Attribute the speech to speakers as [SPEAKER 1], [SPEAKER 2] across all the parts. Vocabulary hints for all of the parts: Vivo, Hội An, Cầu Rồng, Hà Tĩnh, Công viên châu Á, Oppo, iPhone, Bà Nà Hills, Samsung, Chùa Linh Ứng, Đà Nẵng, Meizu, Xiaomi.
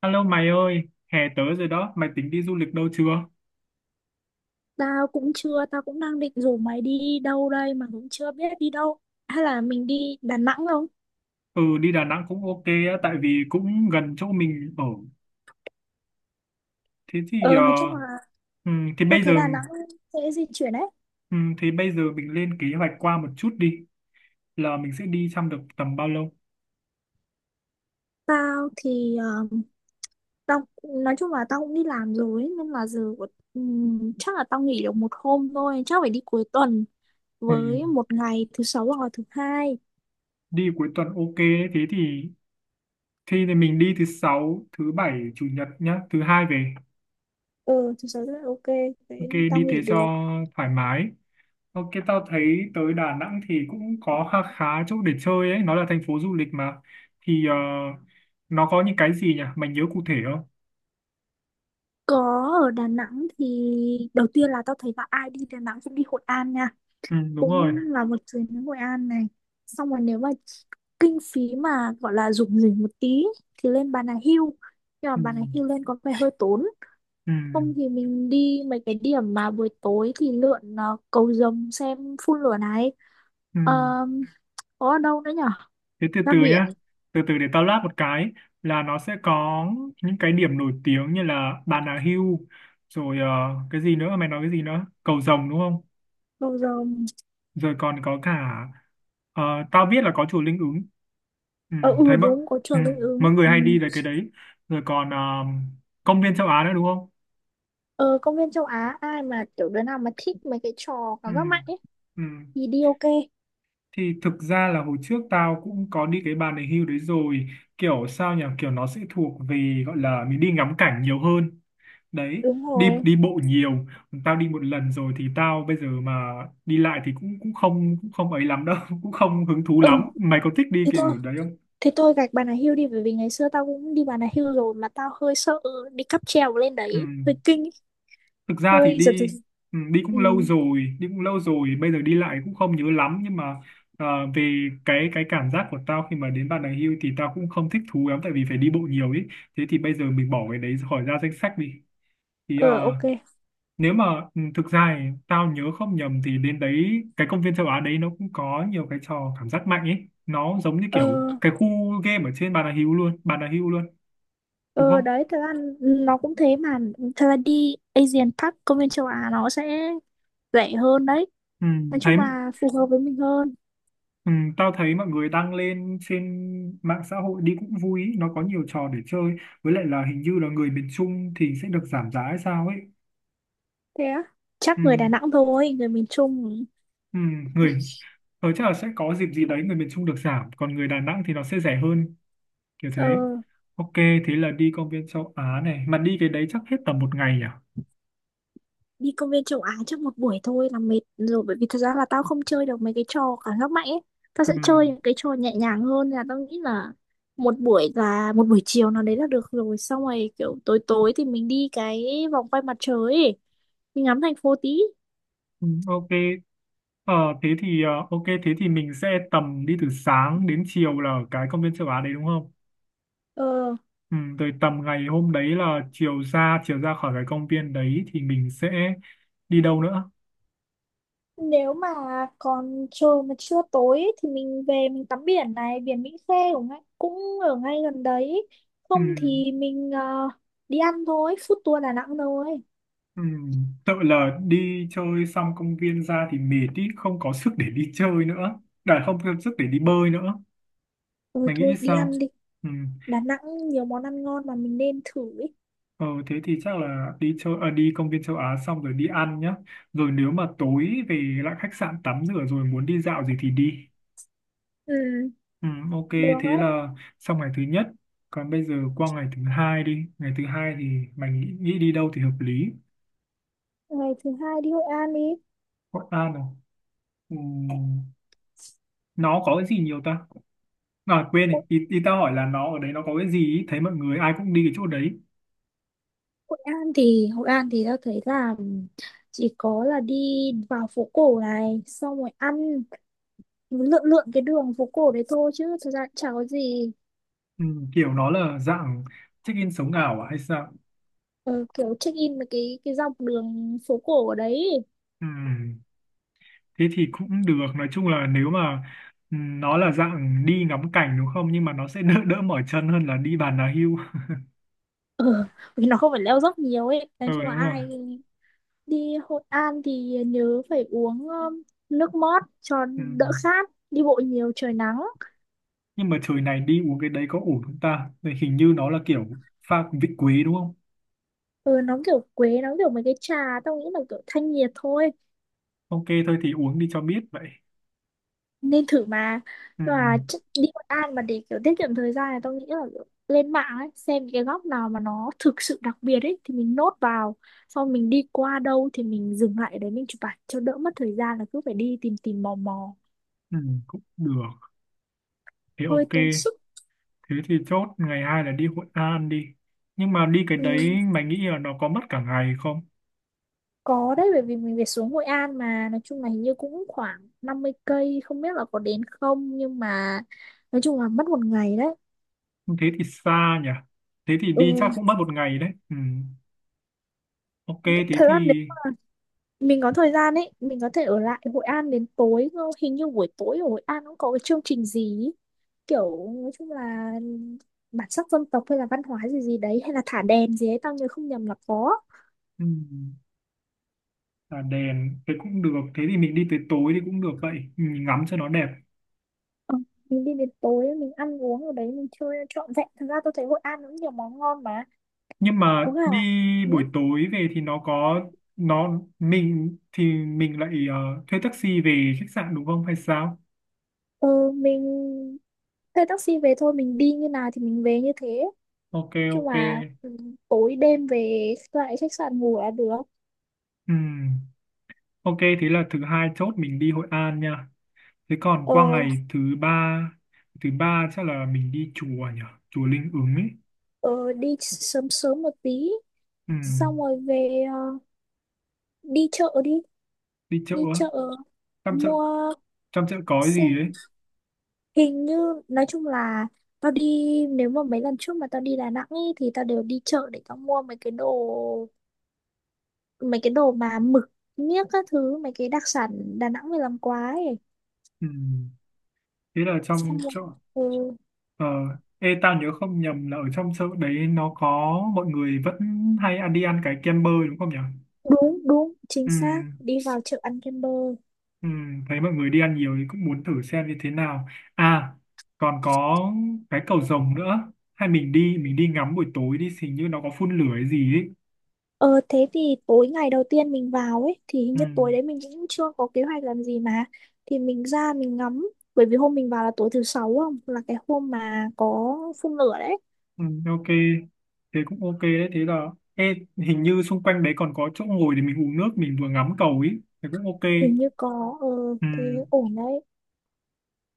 [SPEAKER 1] Alo mày ơi, hè tới rồi đó, mày tính đi du lịch đâu chưa?
[SPEAKER 2] Tao cũng chưa, tao cũng đang định rủ mày đi đâu đây mà cũng chưa biết đi đâu. Hay là mình đi Đà Nẵng không?
[SPEAKER 1] Ừ, đi Đà Nẵng cũng ok á, tại vì cũng gần chỗ mình ở. Thế thì ờ,
[SPEAKER 2] Ờ, nói chung là
[SPEAKER 1] thì
[SPEAKER 2] tao
[SPEAKER 1] bây giờ
[SPEAKER 2] thấy Đà Nẵng dễ di chuyển đấy.
[SPEAKER 1] Thì bây giờ mình lên kế hoạch qua một chút đi, là mình sẽ đi trong được tầm bao lâu?
[SPEAKER 2] Tao thì tao nói chung là tao cũng đi làm rồi ấy, nên là chắc là tao nghỉ được một hôm thôi, chắc phải đi cuối tuần
[SPEAKER 1] Ừm,
[SPEAKER 2] với một ngày thứ sáu hoặc là thứ hai.
[SPEAKER 1] đi cuối tuần ok đấy, thế thì mình đi thứ sáu, thứ bảy, chủ nhật nhá, thứ hai về.
[SPEAKER 2] Ừ, thứ sáu rất là ok,
[SPEAKER 1] Ok,
[SPEAKER 2] thế tao
[SPEAKER 1] đi thế
[SPEAKER 2] nghỉ
[SPEAKER 1] cho
[SPEAKER 2] được.
[SPEAKER 1] thoải mái. Ok, tao thấy tới Đà Nẵng thì cũng có khá khá chỗ để chơi ấy, nó là thành phố du lịch mà. Thì nó có những cái gì nhỉ? Mày nhớ cụ thể không?
[SPEAKER 2] Có, ở Đà Nẵng thì đầu tiên là tao thấy là ai đi Đà Nẵng cũng đi Hội An nha.
[SPEAKER 1] Ừ, đúng rồi.
[SPEAKER 2] Cũng là một chuyến đến Hội An này, xong rồi nếu mà kinh phí mà gọi là rủng rỉnh một tí thì lên Bà Nà Hill, nhưng mà
[SPEAKER 1] Ừ,
[SPEAKER 2] Bà Nà Hill lên có vẻ hơi tốn.
[SPEAKER 1] ừ,
[SPEAKER 2] Không thì mình đi mấy cái điểm mà buổi tối thì lượn cầu rồng xem phun lửa này.
[SPEAKER 1] ừ.
[SPEAKER 2] Ờ, có ở đâu nữa nhở,
[SPEAKER 1] Thế từ
[SPEAKER 2] ra
[SPEAKER 1] từ
[SPEAKER 2] biển,
[SPEAKER 1] nhá. Từ từ để tao lát một cái là nó sẽ có những cái điểm nổi tiếng như là Bà Nà Hill, rồi cái gì nữa? Mày nói cái gì nữa? Cầu Rồng đúng không?
[SPEAKER 2] cầu rồng.
[SPEAKER 1] Rồi còn có cả ờ, tao biết là có chùa Linh Ứng. Ừ,
[SPEAKER 2] Ờ ừ
[SPEAKER 1] thấy
[SPEAKER 2] đúng, có chùa
[SPEAKER 1] ừ,
[SPEAKER 2] Linh Ứng,
[SPEAKER 1] mọi người
[SPEAKER 2] ừ.
[SPEAKER 1] hay đi về cái đấy. Rồi còn công viên châu Á nữa đúng không?
[SPEAKER 2] Ờ, công viên châu Á ai mà kiểu đứa nào mà thích mấy cái trò
[SPEAKER 1] Ừ,
[SPEAKER 2] cảm giác mạnh ấy
[SPEAKER 1] ừ.
[SPEAKER 2] thì đi ok.
[SPEAKER 1] Thì thực ra là hồi trước tao cũng có đi cái Bà Nà Hills đấy rồi, kiểu sao nhỉ, kiểu nó sẽ thuộc về gọi là mình đi ngắm cảnh nhiều hơn đấy,
[SPEAKER 2] Đúng
[SPEAKER 1] đi
[SPEAKER 2] rồi,
[SPEAKER 1] đi bộ nhiều. Tao đi một lần rồi thì tao bây giờ mà đi lại thì cũng cũng không ấy lắm đâu cũng không hứng thú
[SPEAKER 2] ừ,
[SPEAKER 1] lắm. Mày có thích đi
[SPEAKER 2] thế thôi.
[SPEAKER 1] kiểu đấy không?
[SPEAKER 2] Thế tôi gạch Bà Nà Hills đi, bởi vì ngày xưa tao cũng đi Bà Nà Hills rồi mà tao hơi sợ đi cáp treo lên
[SPEAKER 1] Ừ.
[SPEAKER 2] đấy, hơi kinh, ấy,
[SPEAKER 1] Thực ra thì
[SPEAKER 2] hơi giật giật.
[SPEAKER 1] đi cũng
[SPEAKER 2] Ừ,
[SPEAKER 1] lâu rồi, bây giờ đi lại cũng không nhớ lắm, nhưng mà về cái cảm giác của tao khi mà đến Bà Nà Hills thì tao cũng không thích thú lắm tại vì phải đi bộ nhiều ấy. Thế thì bây giờ mình bỏ cái đấy khỏi ra danh sách đi. Thì
[SPEAKER 2] ờ ok.
[SPEAKER 1] nếu mà thực ra thì tao nhớ không nhầm thì đến đấy cái công viên châu Á đấy nó cũng có nhiều cái trò cảm giác mạnh ấy, nó giống như
[SPEAKER 2] Ờ
[SPEAKER 1] kiểu cái khu game ở trên Bà Nà Hills luôn Bà Nà Hills luôn đúng
[SPEAKER 2] ờ,
[SPEAKER 1] không?
[SPEAKER 2] đấy thật ra nó cũng thế mà, thật ra đi Asian Park, công viên châu Á nó sẽ rẻ hơn đấy.
[SPEAKER 1] Ừ,
[SPEAKER 2] Nói
[SPEAKER 1] thấy
[SPEAKER 2] chung là phù hợp với mình hơn.
[SPEAKER 1] Ừ, tao thấy mọi người đăng lên trên mạng xã hội đi cũng vui ý, nó có nhiều trò để chơi. Với lại là hình như là người miền Trung thì sẽ được giảm giá hay sao ấy.
[SPEAKER 2] Thế á?
[SPEAKER 1] Ừ,
[SPEAKER 2] Chắc người Đà Nẵng thôi, người miền Trung.
[SPEAKER 1] ừ, người ở chắc là sẽ có dịp gì đấy người miền Trung được giảm, còn người Đà Nẵng thì nó sẽ rẻ hơn, kiểu thế.
[SPEAKER 2] Ờ,
[SPEAKER 1] Ok thế là đi công viên châu Á này, mà đi cái đấy chắc hết tầm một ngày à?
[SPEAKER 2] đi công viên châu Á trong một buổi thôi là mệt rồi, bởi vì thật ra là tao không chơi được mấy cái trò cảm giác mạnh ấy, tao
[SPEAKER 1] Ừ,
[SPEAKER 2] sẽ chơi những cái trò nhẹ nhàng hơn. Là tao nghĩ là một buổi chiều nào đấy là được rồi, xong rồi kiểu tối tối thì mình đi cái vòng quay mặt trời ấy, mình ngắm thành phố tí.
[SPEAKER 1] ừ, ok. ờ, Thế thì ok thế thì mình sẽ tầm đi từ sáng đến chiều là ở cái công viên châu Á đấy đúng không?
[SPEAKER 2] Ờ,
[SPEAKER 1] Ừ, rồi tầm ngày hôm đấy là chiều ra khỏi cái công viên đấy thì mình sẽ đi đâu nữa?
[SPEAKER 2] nếu mà còn trời mà chưa tối ấy, thì mình về mình tắm biển này, biển Mỹ Khê cũng ngay, cũng ở ngay gần đấy.
[SPEAKER 1] Ừ,
[SPEAKER 2] Không thì mình đi ăn thôi, food tour Đà Nẵng thôi.
[SPEAKER 1] ừ, tự là đi chơi xong công viên ra thì mệt ý, không có sức để đi chơi nữa, đã không có sức để đi bơi nữa.
[SPEAKER 2] Ừ,
[SPEAKER 1] Mày nghĩ
[SPEAKER 2] thôi đi
[SPEAKER 1] sao?
[SPEAKER 2] ăn đi,
[SPEAKER 1] Ừ.
[SPEAKER 2] Đà Nẵng nhiều món ăn ngon mà mình nên thử ấy.
[SPEAKER 1] ờ, Thế thì chắc là đi chơi à, đi công viên châu Á xong rồi đi ăn nhá, rồi nếu mà tối về lại khách sạn tắm rửa rồi muốn đi dạo gì thì đi.
[SPEAKER 2] Ừ,
[SPEAKER 1] Ừ, ok
[SPEAKER 2] được
[SPEAKER 1] thế
[SPEAKER 2] đấy.
[SPEAKER 1] là xong ngày thứ nhất. Còn bây giờ qua ngày thứ hai đi, ngày thứ hai thì mày nghĩ đi đâu thì hợp lý?
[SPEAKER 2] Ngày thứ hai đi Hội An đi.
[SPEAKER 1] Hội An à? Ừ, nó có cái gì nhiều ta? À quên này,
[SPEAKER 2] Hội,
[SPEAKER 1] ý tao hỏi là nó ở đấy nó có cái gì ý? Thấy mọi người ai cũng đi cái chỗ đấy.
[SPEAKER 2] Hội An thì, Hội An thì tao thấy là chỉ có là đi vào phố cổ này, xong rồi ăn, lượn lượn cái đường phố cổ đấy thôi chứ thực ra cũng chả có gì.
[SPEAKER 1] Ừ, kiểu nó là dạng check-in sống ảo à hay sao?
[SPEAKER 2] Ờ, kiểu check in với cái dọc đường phố cổ ở đấy.
[SPEAKER 1] Ừ, thế thì cũng được, nói chung là nếu mà nó là dạng đi ngắm cảnh đúng không, nhưng mà nó sẽ đỡ đỡ mỏi chân hơn là đi bàn đà hưu.
[SPEAKER 2] Ờ, vì nó không phải leo dốc nhiều ấy. Nói
[SPEAKER 1] Ừ
[SPEAKER 2] chung là
[SPEAKER 1] đúng rồi.
[SPEAKER 2] ai đi Hội An thì nhớ phải uống nước mót cho
[SPEAKER 1] Ừ.
[SPEAKER 2] đỡ khát. Đi bộ nhiều trời nắng.
[SPEAKER 1] Nhưng mà trời này đi uống cái đấy có ổn không ta? Đây hình như nó là kiểu pha vị quý đúng không?
[SPEAKER 2] Ừ, nó kiểu quế, nó kiểu mấy cái trà, tao nghĩ là kiểu thanh nhiệt thôi,
[SPEAKER 1] Ok thôi thì uống đi cho biết vậy.
[SPEAKER 2] nên thử mà.
[SPEAKER 1] Ừ,
[SPEAKER 2] Và chắc đi Hội An mà để kiểu tiết kiệm thời gian này, tao nghĩ là kiểu lên mạng ấy xem những cái góc nào mà nó thực sự đặc biệt ấy thì mình nốt vào, xong mình đi qua đâu thì mình dừng lại ở đấy mình chụp ảnh cho đỡ mất thời gian là cứ phải đi tìm tìm mò mò,
[SPEAKER 1] ừ, cũng được. Thế
[SPEAKER 2] hơi
[SPEAKER 1] ok,
[SPEAKER 2] tốn sức.
[SPEAKER 1] thế thì chốt ngày hai là đi Hội An đi. Nhưng mà đi cái đấy,
[SPEAKER 2] Ừ,
[SPEAKER 1] mày nghĩ là nó có mất cả ngày không?
[SPEAKER 2] có đấy, bởi vì mình về xuống Hội An mà nói chung là hình như cũng khoảng 50 cây, không biết là có đến không, nhưng mà nói chung là mất một ngày đấy.
[SPEAKER 1] Thế thì xa nhỉ, thế thì đi
[SPEAKER 2] Ừ,
[SPEAKER 1] chắc cũng mất một ngày đấy. Ừ. Ok thế
[SPEAKER 2] thật
[SPEAKER 1] thì
[SPEAKER 2] ra nếu mình có thời gian ấy mình có thể ở lại Hội An đến tối cơ. Hình như buổi tối ở Hội An cũng có cái chương trình gì ý, kiểu nói chung là bản sắc dân tộc hay là văn hóa gì gì đấy, hay là thả đèn gì ấy, tao nhớ không nhầm là có.
[SPEAKER 1] ừ. Tà đèn thế cũng được, thế thì mình đi tới tối thì cũng được, vậy mình ngắm cho nó đẹp.
[SPEAKER 2] Ờ, mình đi đến tối mình ăn uống ở đấy mình chơi trọn vẹn, thật ra tôi thấy Hội An cũng nhiều món ngon mà,
[SPEAKER 1] Nhưng
[SPEAKER 2] có
[SPEAKER 1] mà
[SPEAKER 2] gà.
[SPEAKER 1] đi
[SPEAKER 2] Ừ.
[SPEAKER 1] buổi tối về thì nó có mình thì mình lại thuê taxi về khách sạn đúng không hay sao?
[SPEAKER 2] Ừ, mình thuê taxi về thôi, mình đi như nào thì mình về như thế
[SPEAKER 1] Ok
[SPEAKER 2] chứ
[SPEAKER 1] ok.
[SPEAKER 2] mà, ừ, tối đêm về lại khách sạn ngủ là được.
[SPEAKER 1] Ừm, ok thế là thứ hai chốt mình đi Hội An nha. Thế còn
[SPEAKER 2] Ờ.
[SPEAKER 1] qua ngày thứ ba, thứ ba chắc là mình đi chùa nhỉ, chùa Linh Ứng ấy.
[SPEAKER 2] Ờ, đi sớm sớm một tí, xong
[SPEAKER 1] Ừm,
[SPEAKER 2] rồi về đi chợ đi.
[SPEAKER 1] đi chợ
[SPEAKER 2] Đi
[SPEAKER 1] á.
[SPEAKER 2] chợ,
[SPEAKER 1] trong chợ
[SPEAKER 2] mua,
[SPEAKER 1] trong chợ có cái gì đấy.
[SPEAKER 2] xem, hình như nói chung là tao đi, nếu mà mấy lần trước mà tao đi Đà Nẵng ý, thì tao đều đi chợ để tao mua mấy cái đồ, mấy cái đồ mà mực miếc các thứ, mấy cái đặc sản Đà Nẵng về làm quá ấy.
[SPEAKER 1] Ừm, thế là
[SPEAKER 2] Xong
[SPEAKER 1] trong
[SPEAKER 2] rồi,
[SPEAKER 1] chợ.
[SPEAKER 2] ừ,
[SPEAKER 1] Ờ, ê, tao nhớ không nhầm là ở trong chợ đấy nó có mọi người vẫn hay ăn đi ăn cái kem bơ đúng không nhỉ?
[SPEAKER 2] đúng đúng chính
[SPEAKER 1] Ừ,
[SPEAKER 2] xác, đi vào chợ ăn kem bơ.
[SPEAKER 1] ừ, thấy mọi người đi ăn nhiều thì cũng muốn thử xem như thế nào. À, còn có cái Cầu Rồng nữa. Hay mình đi ngắm buổi tối đi, hình như nó có phun lửa hay gì ấy.
[SPEAKER 2] Ờ thế thì tối ngày đầu tiên mình vào ấy thì hình
[SPEAKER 1] Ừ,
[SPEAKER 2] như tối đấy mình cũng chưa có kế hoạch làm gì mà, thì mình ra mình ngắm, bởi vì hôm mình vào là tối thứ sáu, không là cái hôm mà có phun lửa đấy.
[SPEAKER 1] ừ, ok. Thế cũng ok đấy. Thế là ê, hình như xung quanh đấy còn có chỗ ngồi để mình uống nước, mình vừa ngắm cầu ấy. Thế cũng ok.
[SPEAKER 2] Hình như có
[SPEAKER 1] Ừ,
[SPEAKER 2] thế, ổn đấy.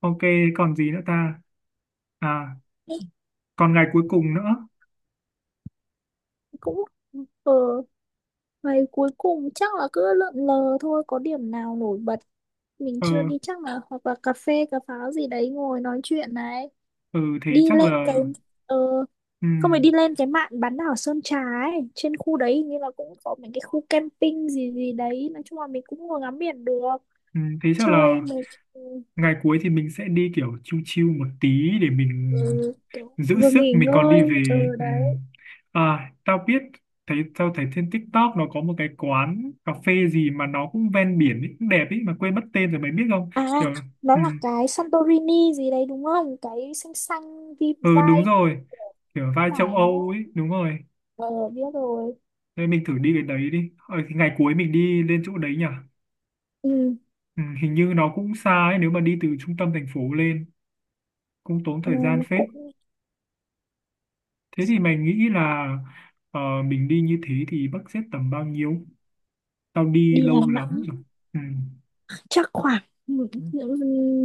[SPEAKER 1] ok, còn gì nữa ta? À,
[SPEAKER 2] Thế
[SPEAKER 1] còn ngày cuối cùng nữa.
[SPEAKER 2] cũng, ờ, ngày cuối cùng chắc là cứ lượn lờ thôi, có điểm nào nổi bật mình
[SPEAKER 1] ờ
[SPEAKER 2] chưa đi chắc là, hoặc là cà phê cà pháo gì đấy ngồi nói chuyện này.
[SPEAKER 1] ừ, thế
[SPEAKER 2] Đi
[SPEAKER 1] chắc
[SPEAKER 2] lên cái
[SPEAKER 1] là
[SPEAKER 2] ờ Không phải,
[SPEAKER 1] ừm,
[SPEAKER 2] đi lên cái mạn bán đảo Sơn Trà ấy, trên khu đấy hình như là cũng có mấy cái khu camping gì gì đấy, nói chung là mình cũng ngồi ngắm biển được,
[SPEAKER 1] Thế chắc
[SPEAKER 2] chơi.
[SPEAKER 1] là
[SPEAKER 2] Mình,
[SPEAKER 1] ngày cuối thì mình sẽ đi kiểu chill chill một tí để mình
[SPEAKER 2] ừ, kiểu
[SPEAKER 1] giữ
[SPEAKER 2] vừa
[SPEAKER 1] sức
[SPEAKER 2] nghỉ
[SPEAKER 1] mình còn
[SPEAKER 2] ngơi.
[SPEAKER 1] đi về
[SPEAKER 2] Ừ
[SPEAKER 1] ừm.
[SPEAKER 2] đấy.
[SPEAKER 1] À tao biết, tao thấy trên TikTok nó có một cái quán cà phê gì mà nó cũng ven biển ấy, cũng đẹp ấy mà quên mất tên rồi mày biết không?
[SPEAKER 2] À,
[SPEAKER 1] Kiểu
[SPEAKER 2] nó là
[SPEAKER 1] ừm,
[SPEAKER 2] cái Santorini gì đấy đúng không, cái xanh xanh
[SPEAKER 1] ừ đúng
[SPEAKER 2] vibe
[SPEAKER 1] rồi, kiểu vai châu
[SPEAKER 2] phải đúng
[SPEAKER 1] Âu
[SPEAKER 2] không?
[SPEAKER 1] ấy đúng rồi.
[SPEAKER 2] Ờ, biết rồi.
[SPEAKER 1] Nên mình thử đi cái đấy đi, thì ngày cuối mình đi lên chỗ đấy nhỉ.
[SPEAKER 2] Ừ,
[SPEAKER 1] Ừ, hình như nó cũng xa ấy, nếu mà đi từ trung tâm thành phố lên cũng tốn
[SPEAKER 2] ừ,
[SPEAKER 1] thời gian phết.
[SPEAKER 2] cũng.
[SPEAKER 1] Thế thì mày nghĩ là mình đi như thế thì budget sẽ tầm bao nhiêu? Tao đi
[SPEAKER 2] Đi Đà
[SPEAKER 1] lâu lắm
[SPEAKER 2] Nẵng
[SPEAKER 1] rồi. Ừ.
[SPEAKER 2] chắc khoảng, ừ,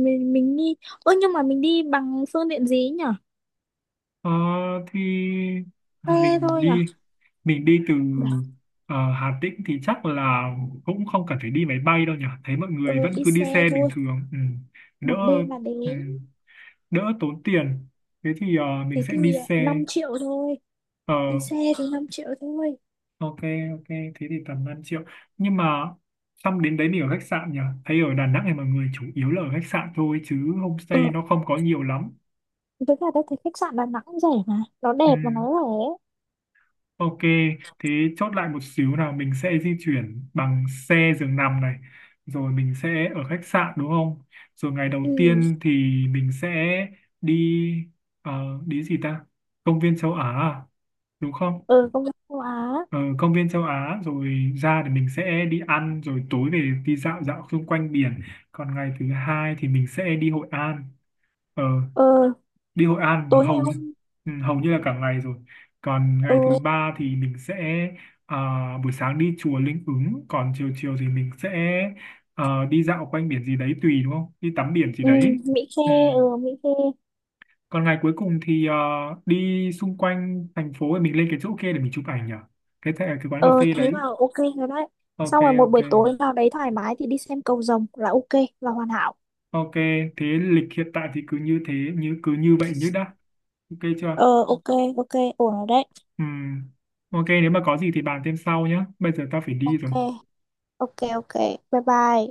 [SPEAKER 2] mình đi, ơ nhưng mà mình đi bằng phương tiện gì nhỉ,
[SPEAKER 1] Ờ, thì
[SPEAKER 2] xe
[SPEAKER 1] à, mình
[SPEAKER 2] thôi nhỉ.
[SPEAKER 1] đi mình đi từ Hà Tĩnh thì chắc là cũng không cần phải đi máy bay đâu nhỉ. Thấy mọi người
[SPEAKER 2] Ừ,
[SPEAKER 1] vẫn
[SPEAKER 2] đi
[SPEAKER 1] cứ đi
[SPEAKER 2] xe
[SPEAKER 1] xe bình
[SPEAKER 2] thôi,
[SPEAKER 1] thường. Ừ. Đỡ
[SPEAKER 2] một đêm mà
[SPEAKER 1] ừ.
[SPEAKER 2] đến.
[SPEAKER 1] Đỡ tốn tiền. Thế thì mình
[SPEAKER 2] Thế
[SPEAKER 1] sẽ
[SPEAKER 2] thì
[SPEAKER 1] đi xe.
[SPEAKER 2] 5 triệu thôi,
[SPEAKER 1] Ờ,
[SPEAKER 2] đi xe thì 5 triệu thôi.
[SPEAKER 1] ok ok, thế thì tầm 5 triệu. Nhưng mà xong đến đấy mình ở khách sạn nhỉ, thấy ở Đà Nẵng này mọi người chủ yếu là ở khách sạn thôi chứ homestay
[SPEAKER 2] Ừ,
[SPEAKER 1] nó không có nhiều lắm.
[SPEAKER 2] với cả tôi thấy khách sạn Đà Nẵng cũng rẻ, mà nó
[SPEAKER 1] Ừ,
[SPEAKER 2] đẹp mà nó rẻ.
[SPEAKER 1] ok. Thế chốt lại một xíu nào, mình sẽ di chuyển bằng xe giường nằm này, rồi mình sẽ ở khách sạn đúng không, rồi ngày đầu
[SPEAKER 2] Ừ.
[SPEAKER 1] tiên thì mình sẽ đi ờ, đi gì ta, công viên châu Á à? Đúng không?
[SPEAKER 2] Ừ, công nhận châu Á.
[SPEAKER 1] Ờ, Công viên châu Á rồi ra thì mình sẽ đi ăn rồi tối về đi dạo dạo xung quanh biển. Còn ngày thứ hai thì mình sẽ đi Hội An, ờ,
[SPEAKER 2] Ừ, tối
[SPEAKER 1] hầu
[SPEAKER 2] ngày
[SPEAKER 1] như-
[SPEAKER 2] hôm.
[SPEAKER 1] Ừ, hầu như là cả ngày rồi. Còn ngày thứ
[SPEAKER 2] Ừ,
[SPEAKER 1] ba thì mình sẽ à, buổi sáng đi chùa Linh Ứng, còn chiều chiều thì mình sẽ đi dạo quanh biển gì đấy, tùy đúng không, đi tắm biển gì
[SPEAKER 2] ừ,
[SPEAKER 1] đấy.
[SPEAKER 2] Mỹ Khê.
[SPEAKER 1] Ừ.
[SPEAKER 2] Ừ, Mỹ Khê.
[SPEAKER 1] Còn ngày cuối cùng thì đi xung quanh thành phố, mình lên cái chỗ kia để mình chụp ảnh nhỉ, cái quán cà
[SPEAKER 2] Ừ,
[SPEAKER 1] phê
[SPEAKER 2] thế
[SPEAKER 1] đấy.
[SPEAKER 2] là ok rồi đấy.
[SPEAKER 1] Ok
[SPEAKER 2] Xong rồi một
[SPEAKER 1] ok
[SPEAKER 2] buổi tối vào đấy thoải mái thì đi xem cầu rồng là ok, là hoàn hảo.
[SPEAKER 1] ok, thế lịch hiện tại thì cứ như vậy nhất đã. Ok chưa?
[SPEAKER 2] Ờ, ok. Ok, ổn rồi đấy.
[SPEAKER 1] Ừ ok, nếu mà có gì thì bàn thêm sau nhé, bây giờ tao phải đi
[SPEAKER 2] Ok,
[SPEAKER 1] rồi.
[SPEAKER 2] ok, ok, bye bye.